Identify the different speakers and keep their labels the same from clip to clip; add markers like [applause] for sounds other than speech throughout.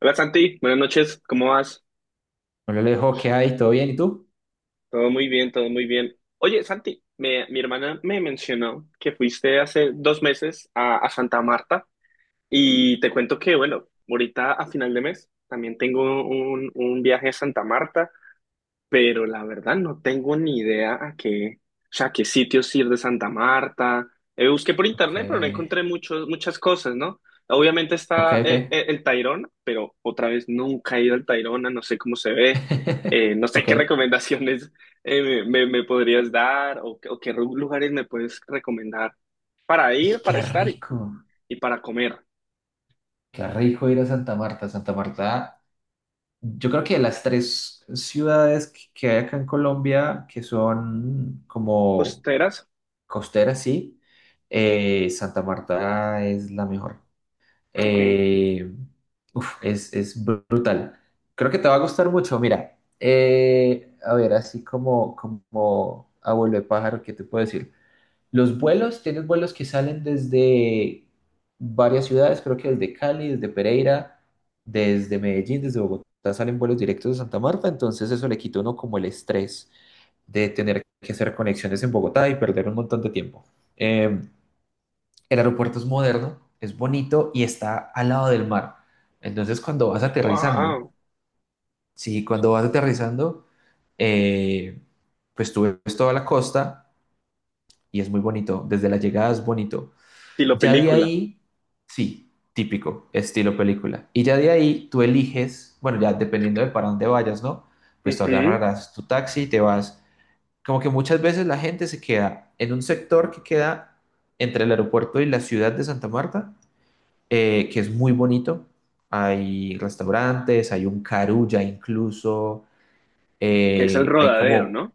Speaker 1: Hola Santi, buenas noches, ¿cómo vas?
Speaker 2: Hola Alejo, ¿qué hay? ¿Todo bien? ¿Y tú?
Speaker 1: Todo muy bien, todo muy bien. Oye Santi, mi hermana me mencionó que fuiste hace dos meses a Santa Marta y te cuento que, bueno, ahorita a final de mes también tengo un viaje a Santa Marta, pero la verdad no tengo ni idea a qué, o sea, a qué sitios ir de Santa Marta. Busqué por
Speaker 2: Ok,
Speaker 1: internet, pero no encontré muchas cosas, ¿no? Obviamente
Speaker 2: ok,
Speaker 1: está
Speaker 2: ok.
Speaker 1: el Tayrona, pero otra vez nunca he ido al Tayrona, no sé cómo se ve,
Speaker 2: [laughs]
Speaker 1: no sé
Speaker 2: Ok.
Speaker 1: qué [laughs] recomendaciones me podrías dar o, lugares me puedes recomendar para
Speaker 2: Y
Speaker 1: ir, para estar y para comer.
Speaker 2: qué rico ir a Santa Marta. Santa Marta, yo creo que de las tres ciudades que hay acá en Colombia, que son como
Speaker 1: Costeras,
Speaker 2: costeras, sí, Santa Marta es la mejor.
Speaker 1: ok.
Speaker 2: Eh, uf, es brutal. Creo que te va a gustar mucho. Mira, a ver, así como, como abuelo de pájaro, ¿qué te puedo decir? Los vuelos, tienes vuelos que salen desde varias ciudades, creo que desde Cali, desde Pereira, desde Medellín, desde Bogotá, salen vuelos directos de Santa Marta, entonces eso le quita a uno como el estrés de tener que hacer conexiones en Bogotá y perder un montón de tiempo. Eh, el aeropuerto es moderno, es bonito y está al lado del mar. Entonces cuando vas aterrizando,
Speaker 1: Wow,
Speaker 2: sí, cuando vas aterrizando, eh, pues tú ves toda la costa y es muy bonito. Desde la llegada es bonito.
Speaker 1: estilo
Speaker 2: Ya de
Speaker 1: película.
Speaker 2: ahí, sí, típico, estilo película. Y ya de ahí tú eliges, bueno, ya dependiendo de para dónde vayas, ¿no? Pues tú
Speaker 1: Ujú.
Speaker 2: agarrarás tu taxi y te vas. Como que muchas veces la gente se queda en un sector que queda entre el aeropuerto y la ciudad de Santa Marta, que es muy bonito. Hay restaurantes, hay un carulla incluso,
Speaker 1: ¿Que es el
Speaker 2: hay
Speaker 1: rodadero,
Speaker 2: como
Speaker 1: ¿no?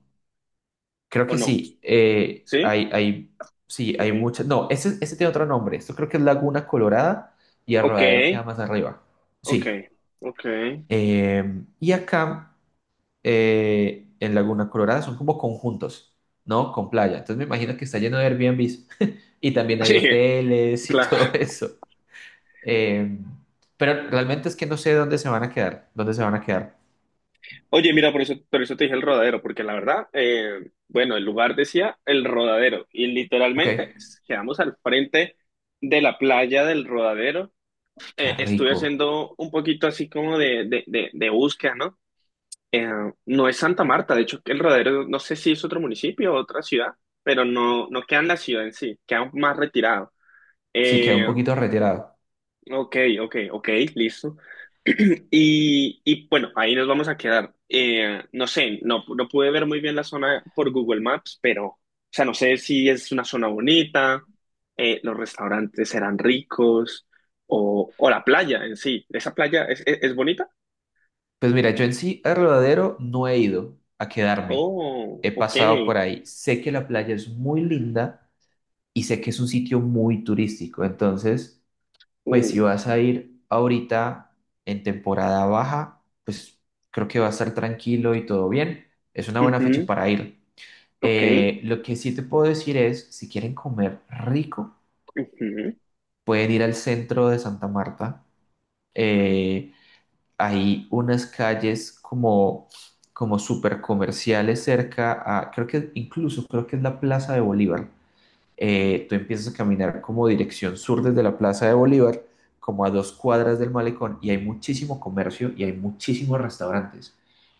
Speaker 2: creo
Speaker 1: ¿O
Speaker 2: que
Speaker 1: no?
Speaker 2: sí.
Speaker 1: ¿Sí?
Speaker 2: Sí,
Speaker 1: Ok.
Speaker 2: hay muchas. No, ese tiene otro nombre. Esto creo que es Laguna Colorada y
Speaker 1: Ok.
Speaker 2: el queda más arriba.
Speaker 1: Ok.
Speaker 2: Sí.
Speaker 1: Ok. [laughs]
Speaker 2: eh, y acá en Laguna Colorada son como conjuntos, ¿no? Con playa. Entonces me imagino que está lleno de Airbnbs y también hay
Speaker 1: Sí,
Speaker 2: hoteles y [laughs]
Speaker 1: claro.
Speaker 2: todo eso. Eh, pero realmente es que no sé dónde se van a quedar. ¿Dónde se van a quedar?
Speaker 1: Oye, mira, por eso te dije el rodadero, porque la verdad, bueno, el lugar decía el rodadero y
Speaker 2: Ok.
Speaker 1: literalmente quedamos al frente de la playa del rodadero.
Speaker 2: Qué
Speaker 1: Estuve
Speaker 2: rico.
Speaker 1: haciendo un poquito así como de búsqueda, ¿no? Eh, no es Santa Marta, de hecho, el rodadero, no sé si es otro municipio o otra ciudad, pero no queda en la ciudad en sí, queda más retirado.
Speaker 2: Sí, queda un
Speaker 1: Eh,
Speaker 2: poquito retirado.
Speaker 1: Ok, ok, ok, listo. [clears throat] Y bueno, ahí nos vamos a quedar. No sé, no pude ver muy bien la zona por Google Maps, pero, o sea, no sé si es una zona bonita, los restaurantes serán ricos, o la playa en sí. ¿Esa playa es bonita?
Speaker 2: Pues mira, yo en sí a Rodadero no he ido a quedarme.
Speaker 1: Oh,
Speaker 2: He
Speaker 1: ok.
Speaker 2: pasado por ahí. Sé que la playa es muy linda y sé que es un sitio muy turístico. Entonces, pues
Speaker 1: Uh,
Speaker 2: si vas a ir ahorita en temporada baja, pues creo que va a estar tranquilo y todo bien. Es una buena fecha
Speaker 1: ujú,
Speaker 2: para ir.
Speaker 1: ok.
Speaker 2: Lo que sí te puedo decir es, si quieren comer rico,
Speaker 1: Ujú.
Speaker 2: pueden ir al centro de Santa Marta. Eh, hay unas calles como, como súper comerciales cerca a, creo que incluso creo que es la Plaza de Bolívar. Tú empiezas a caminar como dirección sur desde la Plaza de Bolívar, como a dos cuadras del malecón, y hay muchísimo comercio y hay muchísimos restaurantes.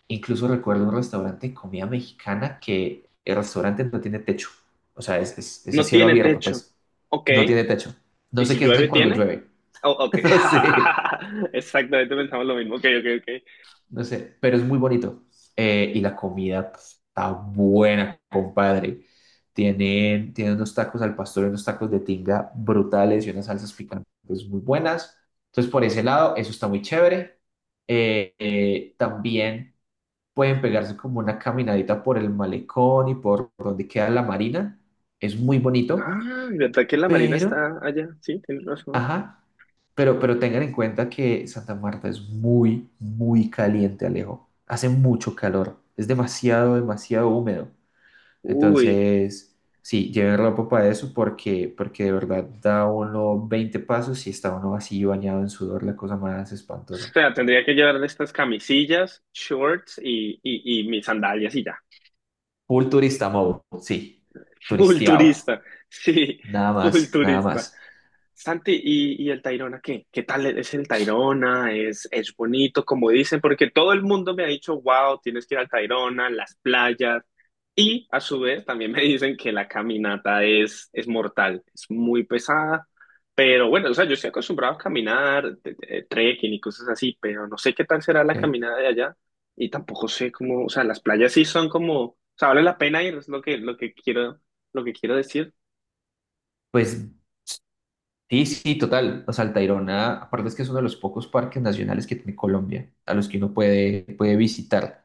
Speaker 2: Incluso recuerdo un restaurante de comida mexicana que el restaurante no tiene techo. O sea, es a
Speaker 1: No
Speaker 2: cielo
Speaker 1: tiene
Speaker 2: abierto,
Speaker 1: techo.
Speaker 2: pues.
Speaker 1: Ok.
Speaker 2: No tiene techo. No
Speaker 1: ¿Y
Speaker 2: sé
Speaker 1: si
Speaker 2: qué hacen
Speaker 1: llueve,
Speaker 2: cuando
Speaker 1: tiene?
Speaker 2: llueve.
Speaker 1: Oh, ok.
Speaker 2: [laughs] No sé.
Speaker 1: [laughs] Exactamente, pensamos lo mismo. Ok, ok, ok.
Speaker 2: No sé, pero es muy bonito. Y la comida pues, está buena, compadre. Tienen unos tacos al pastor, y unos tacos de tinga brutales y unas salsas picantes muy buenas. Entonces, por ese lado, eso está muy chévere. También pueden pegarse como una caminadita por el malecón y por donde queda la marina. Es muy bonito,
Speaker 1: Ah, ¿verdad que la Marina
Speaker 2: pero
Speaker 1: está allá? Sí, tienes razón.
Speaker 2: ajá, pero tengan en cuenta que Santa Marta es muy, muy caliente, Alejo. Hace mucho calor, es demasiado, demasiado húmedo.
Speaker 1: Uy,
Speaker 2: Entonces, sí, lleven ropa para eso porque, porque de verdad da uno 20 pasos y está uno así bañado en sudor, la cosa más
Speaker 1: o
Speaker 2: espantosa.
Speaker 1: sea, tendría que llevar estas camisillas, shorts y mis sandalias y ya.
Speaker 2: Full turista mode, sí,
Speaker 1: [laughs] Full
Speaker 2: turisteado,
Speaker 1: turista, sí,
Speaker 2: nada
Speaker 1: full
Speaker 2: más, nada
Speaker 1: turista.
Speaker 2: más.
Speaker 1: Santi, ¿ y el Tayrona qué? ¿Qué tal es el Tayrona? Es bonito, como dicen? Porque todo el mundo me ha dicho, wow, tienes que ir al Tayrona, las playas. Y a su vez también [laughs] me dicen que la caminata es mortal, es muy pesada. Pero bueno, o sea, yo estoy acostumbrado a caminar, trekking y cosas así, pero no sé qué tal será la
Speaker 2: Ok,
Speaker 1: caminada de allá. Y tampoco sé cómo, o sea, las playas sí son como, o sea, vale la pena ir, es lo que quiero decir.
Speaker 2: pues sí, sí, total. O sea, el Tayrona, aparte es que es uno de los pocos parques nacionales que tiene Colombia, a los que uno puede, puede visitar,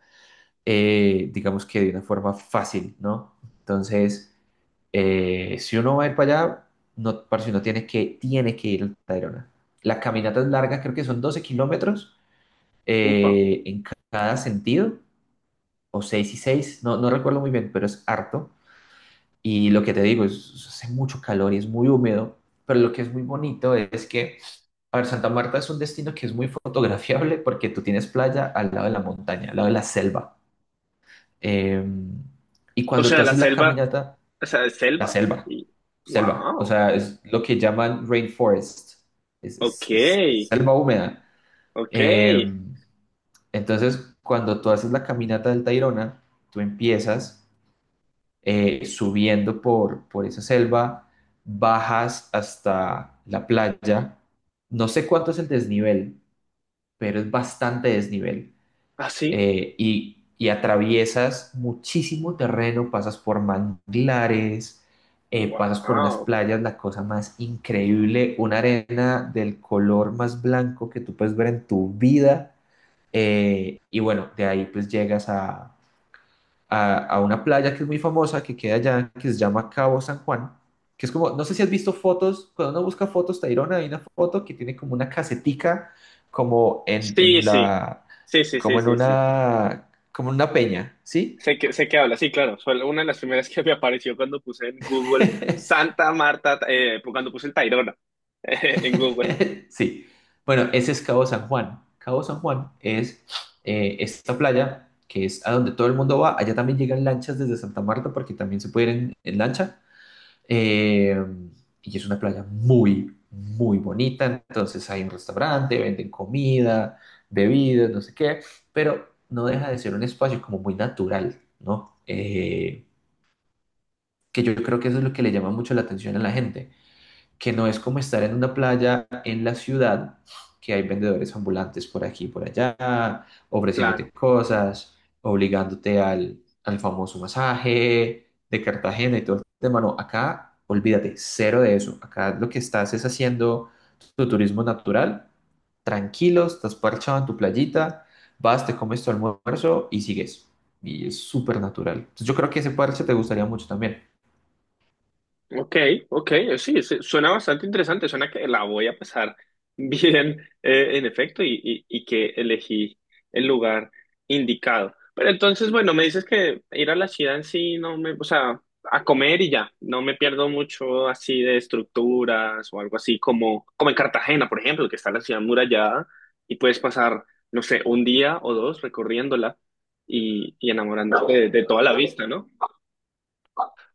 Speaker 2: digamos que de una forma fácil, ¿no? Entonces, si uno va a ir para allá, no, parce, uno tiene que ir al Tayrona. La caminata es larga, creo que son 12 kilómetros
Speaker 1: Upa.
Speaker 2: en cada sentido, o 6 y 6, no, no recuerdo muy bien, pero es harto. Y lo que te digo, es, hace mucho calor y es muy húmedo, pero lo que es muy bonito es que, a ver, Santa Marta es un destino que es muy fotografiable porque tú tienes playa al lado de la montaña, al lado de la selva. Eh, y
Speaker 1: O
Speaker 2: cuando tú
Speaker 1: sea, la
Speaker 2: haces la
Speaker 1: selva.
Speaker 2: caminata,
Speaker 1: O sea, de
Speaker 2: la
Speaker 1: selva.
Speaker 2: selva,
Speaker 1: Y,
Speaker 2: selva, o
Speaker 1: wow.
Speaker 2: sea, es lo que llaman rainforest,
Speaker 1: Ok,
Speaker 2: es selva húmeda.
Speaker 1: ok.
Speaker 2: Eh, entonces, cuando tú haces la caminata del Tayrona, tú empiezas subiendo por esa selva, bajas hasta la playa. No sé cuánto es el desnivel, pero es bastante desnivel.
Speaker 1: Así.
Speaker 2: Y atraviesas muchísimo terreno, pasas por manglares, pasas por unas
Speaker 1: Wow.
Speaker 2: playas, la cosa más increíble, una arena del color más blanco que tú puedes ver en tu vida. Y bueno, de ahí pues llegas a, a una playa que es muy famosa, que queda allá, que se llama Cabo San Juan, que es como, no sé si has visto fotos, cuando uno busca fotos, Tayrona, hay una foto que tiene como una casetica, como
Speaker 1: Sí,
Speaker 2: en
Speaker 1: sí.
Speaker 2: la,
Speaker 1: Sí, sí, sí, sí, sí.
Speaker 2: como en una peña, ¿sí?
Speaker 1: Sé que habla, sí, claro. Fue una de las primeras que me apareció cuando puse en Google
Speaker 2: [laughs]
Speaker 1: Santa Marta, cuando puse el Tayrona [laughs] en Google.
Speaker 2: Sí. Bueno, ese es Cabo San Juan. Cabo San Juan es esta playa que es a donde todo el mundo va. Allá también llegan lanchas desde Santa Marta porque también se puede ir en lancha. Eh, y es una playa muy, muy bonita. Entonces hay un restaurante, venden comida, bebidas, no sé qué, pero no deja de ser un espacio como muy natural, ¿no? Que yo creo que eso es lo que le llama mucho la atención a la gente que no es como estar en una playa en la ciudad, que hay vendedores ambulantes por aquí y por allá, ofreciéndote
Speaker 1: Claro.
Speaker 2: cosas, obligándote al, al famoso masaje de Cartagena y todo el tema. No, acá olvídate, cero de eso. Acá lo que estás es haciendo tu turismo natural, tranquilo, estás parchado en tu playita, vas, te comes tu almuerzo y sigues. Y es súper natural. Entonces, yo creo que ese parche te gustaría mucho también.
Speaker 1: Ok, ok, sí, sí, suena bastante interesante, suena que la voy a pasar [laughs] bien, en efecto, y que elegí el lugar indicado. Pero entonces, bueno, me dices que ir a la ciudad en sí, no me, o sea, a comer y ya, no me pierdo mucho así de estructuras o algo así como, como en Cartagena, por ejemplo, que está la ciudad murallada y puedes pasar, no sé, un día o dos recorriéndola y enamorándote de toda la vista, ¿no?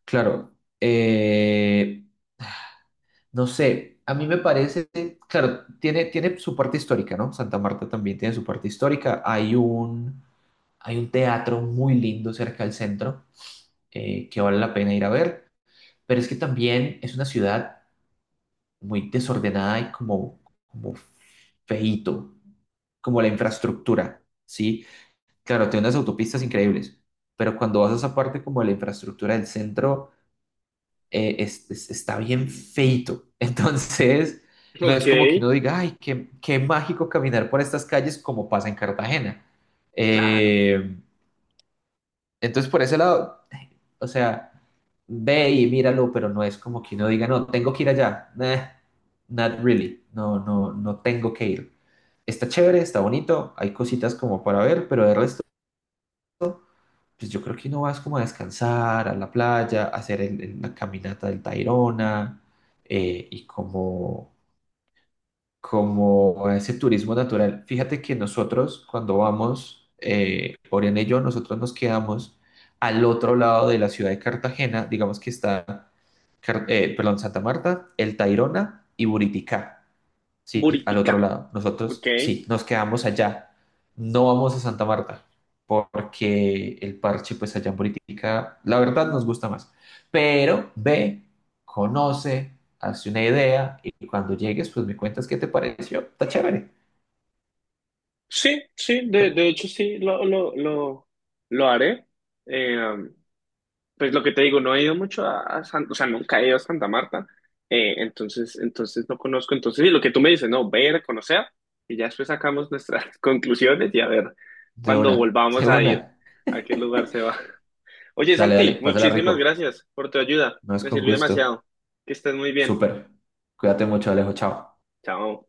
Speaker 2: Claro, eh, no sé, a mí me parece, claro, tiene su parte histórica, ¿no? Santa Marta también tiene su parte histórica. Hay un teatro muy lindo cerca del centro que vale la pena ir a ver, pero es que también es una ciudad muy desordenada y como, como feíto, como la infraestructura, ¿sí? Claro, tiene unas autopistas increíbles, pero cuando vas a esa parte como de la infraestructura del centro está bien feito. [laughs] Entonces, no
Speaker 1: Ok,
Speaker 2: es como que uno diga, ay, qué, qué mágico caminar por estas calles como pasa en Cartagena.
Speaker 1: claro,
Speaker 2: Eh, entonces, por ese lado, o sea, ve y míralo, pero no es como que uno diga, no, tengo que ir allá. Nah, not really. No, no, no tengo que ir. Está chévere, está bonito, hay cositas como para ver, pero de resto pues yo creo que no vas como a descansar, a la playa, a hacer la caminata del Tayrona y como, como ese turismo natural. Fíjate que nosotros cuando vamos, Oriana y yo, nosotros nos quedamos al otro lado de la ciudad de Cartagena, digamos que está, perdón, Santa Marta, el Tayrona y Buriticá. Sí, al otro
Speaker 1: Buritica.
Speaker 2: lado.
Speaker 1: Ok,
Speaker 2: Nosotros, sí, nos quedamos allá. No vamos a Santa Marta, porque el parche, pues allá en política, la verdad nos gusta más. Pero ve, conoce, hace una idea y cuando llegues, pues me cuentas qué te pareció. Está chévere.
Speaker 1: sí, sí, de hecho sí, lo haré. Eh, um, pues lo que te digo, no he ido mucho a, o sea, nunca he ido a Santa Marta, entonces, entonces no conozco, entonces sí, lo que tú me dices, no, ver, conocer, y ya después sacamos nuestras [laughs] conclusiones y a ver
Speaker 2: De
Speaker 1: cuando
Speaker 2: una,
Speaker 1: volvamos
Speaker 2: de
Speaker 1: a ir,
Speaker 2: una.
Speaker 1: a qué lugar se va. [laughs] Oye,
Speaker 2: Dale, dale,
Speaker 1: Santi,
Speaker 2: pásala
Speaker 1: muchísimas
Speaker 2: rico.
Speaker 1: gracias por tu ayuda,
Speaker 2: No es
Speaker 1: me
Speaker 2: con
Speaker 1: sirvió
Speaker 2: gusto.
Speaker 1: demasiado, que estés muy bien,
Speaker 2: Súper. Cuídate mucho, Alejo. Chao.
Speaker 1: chao.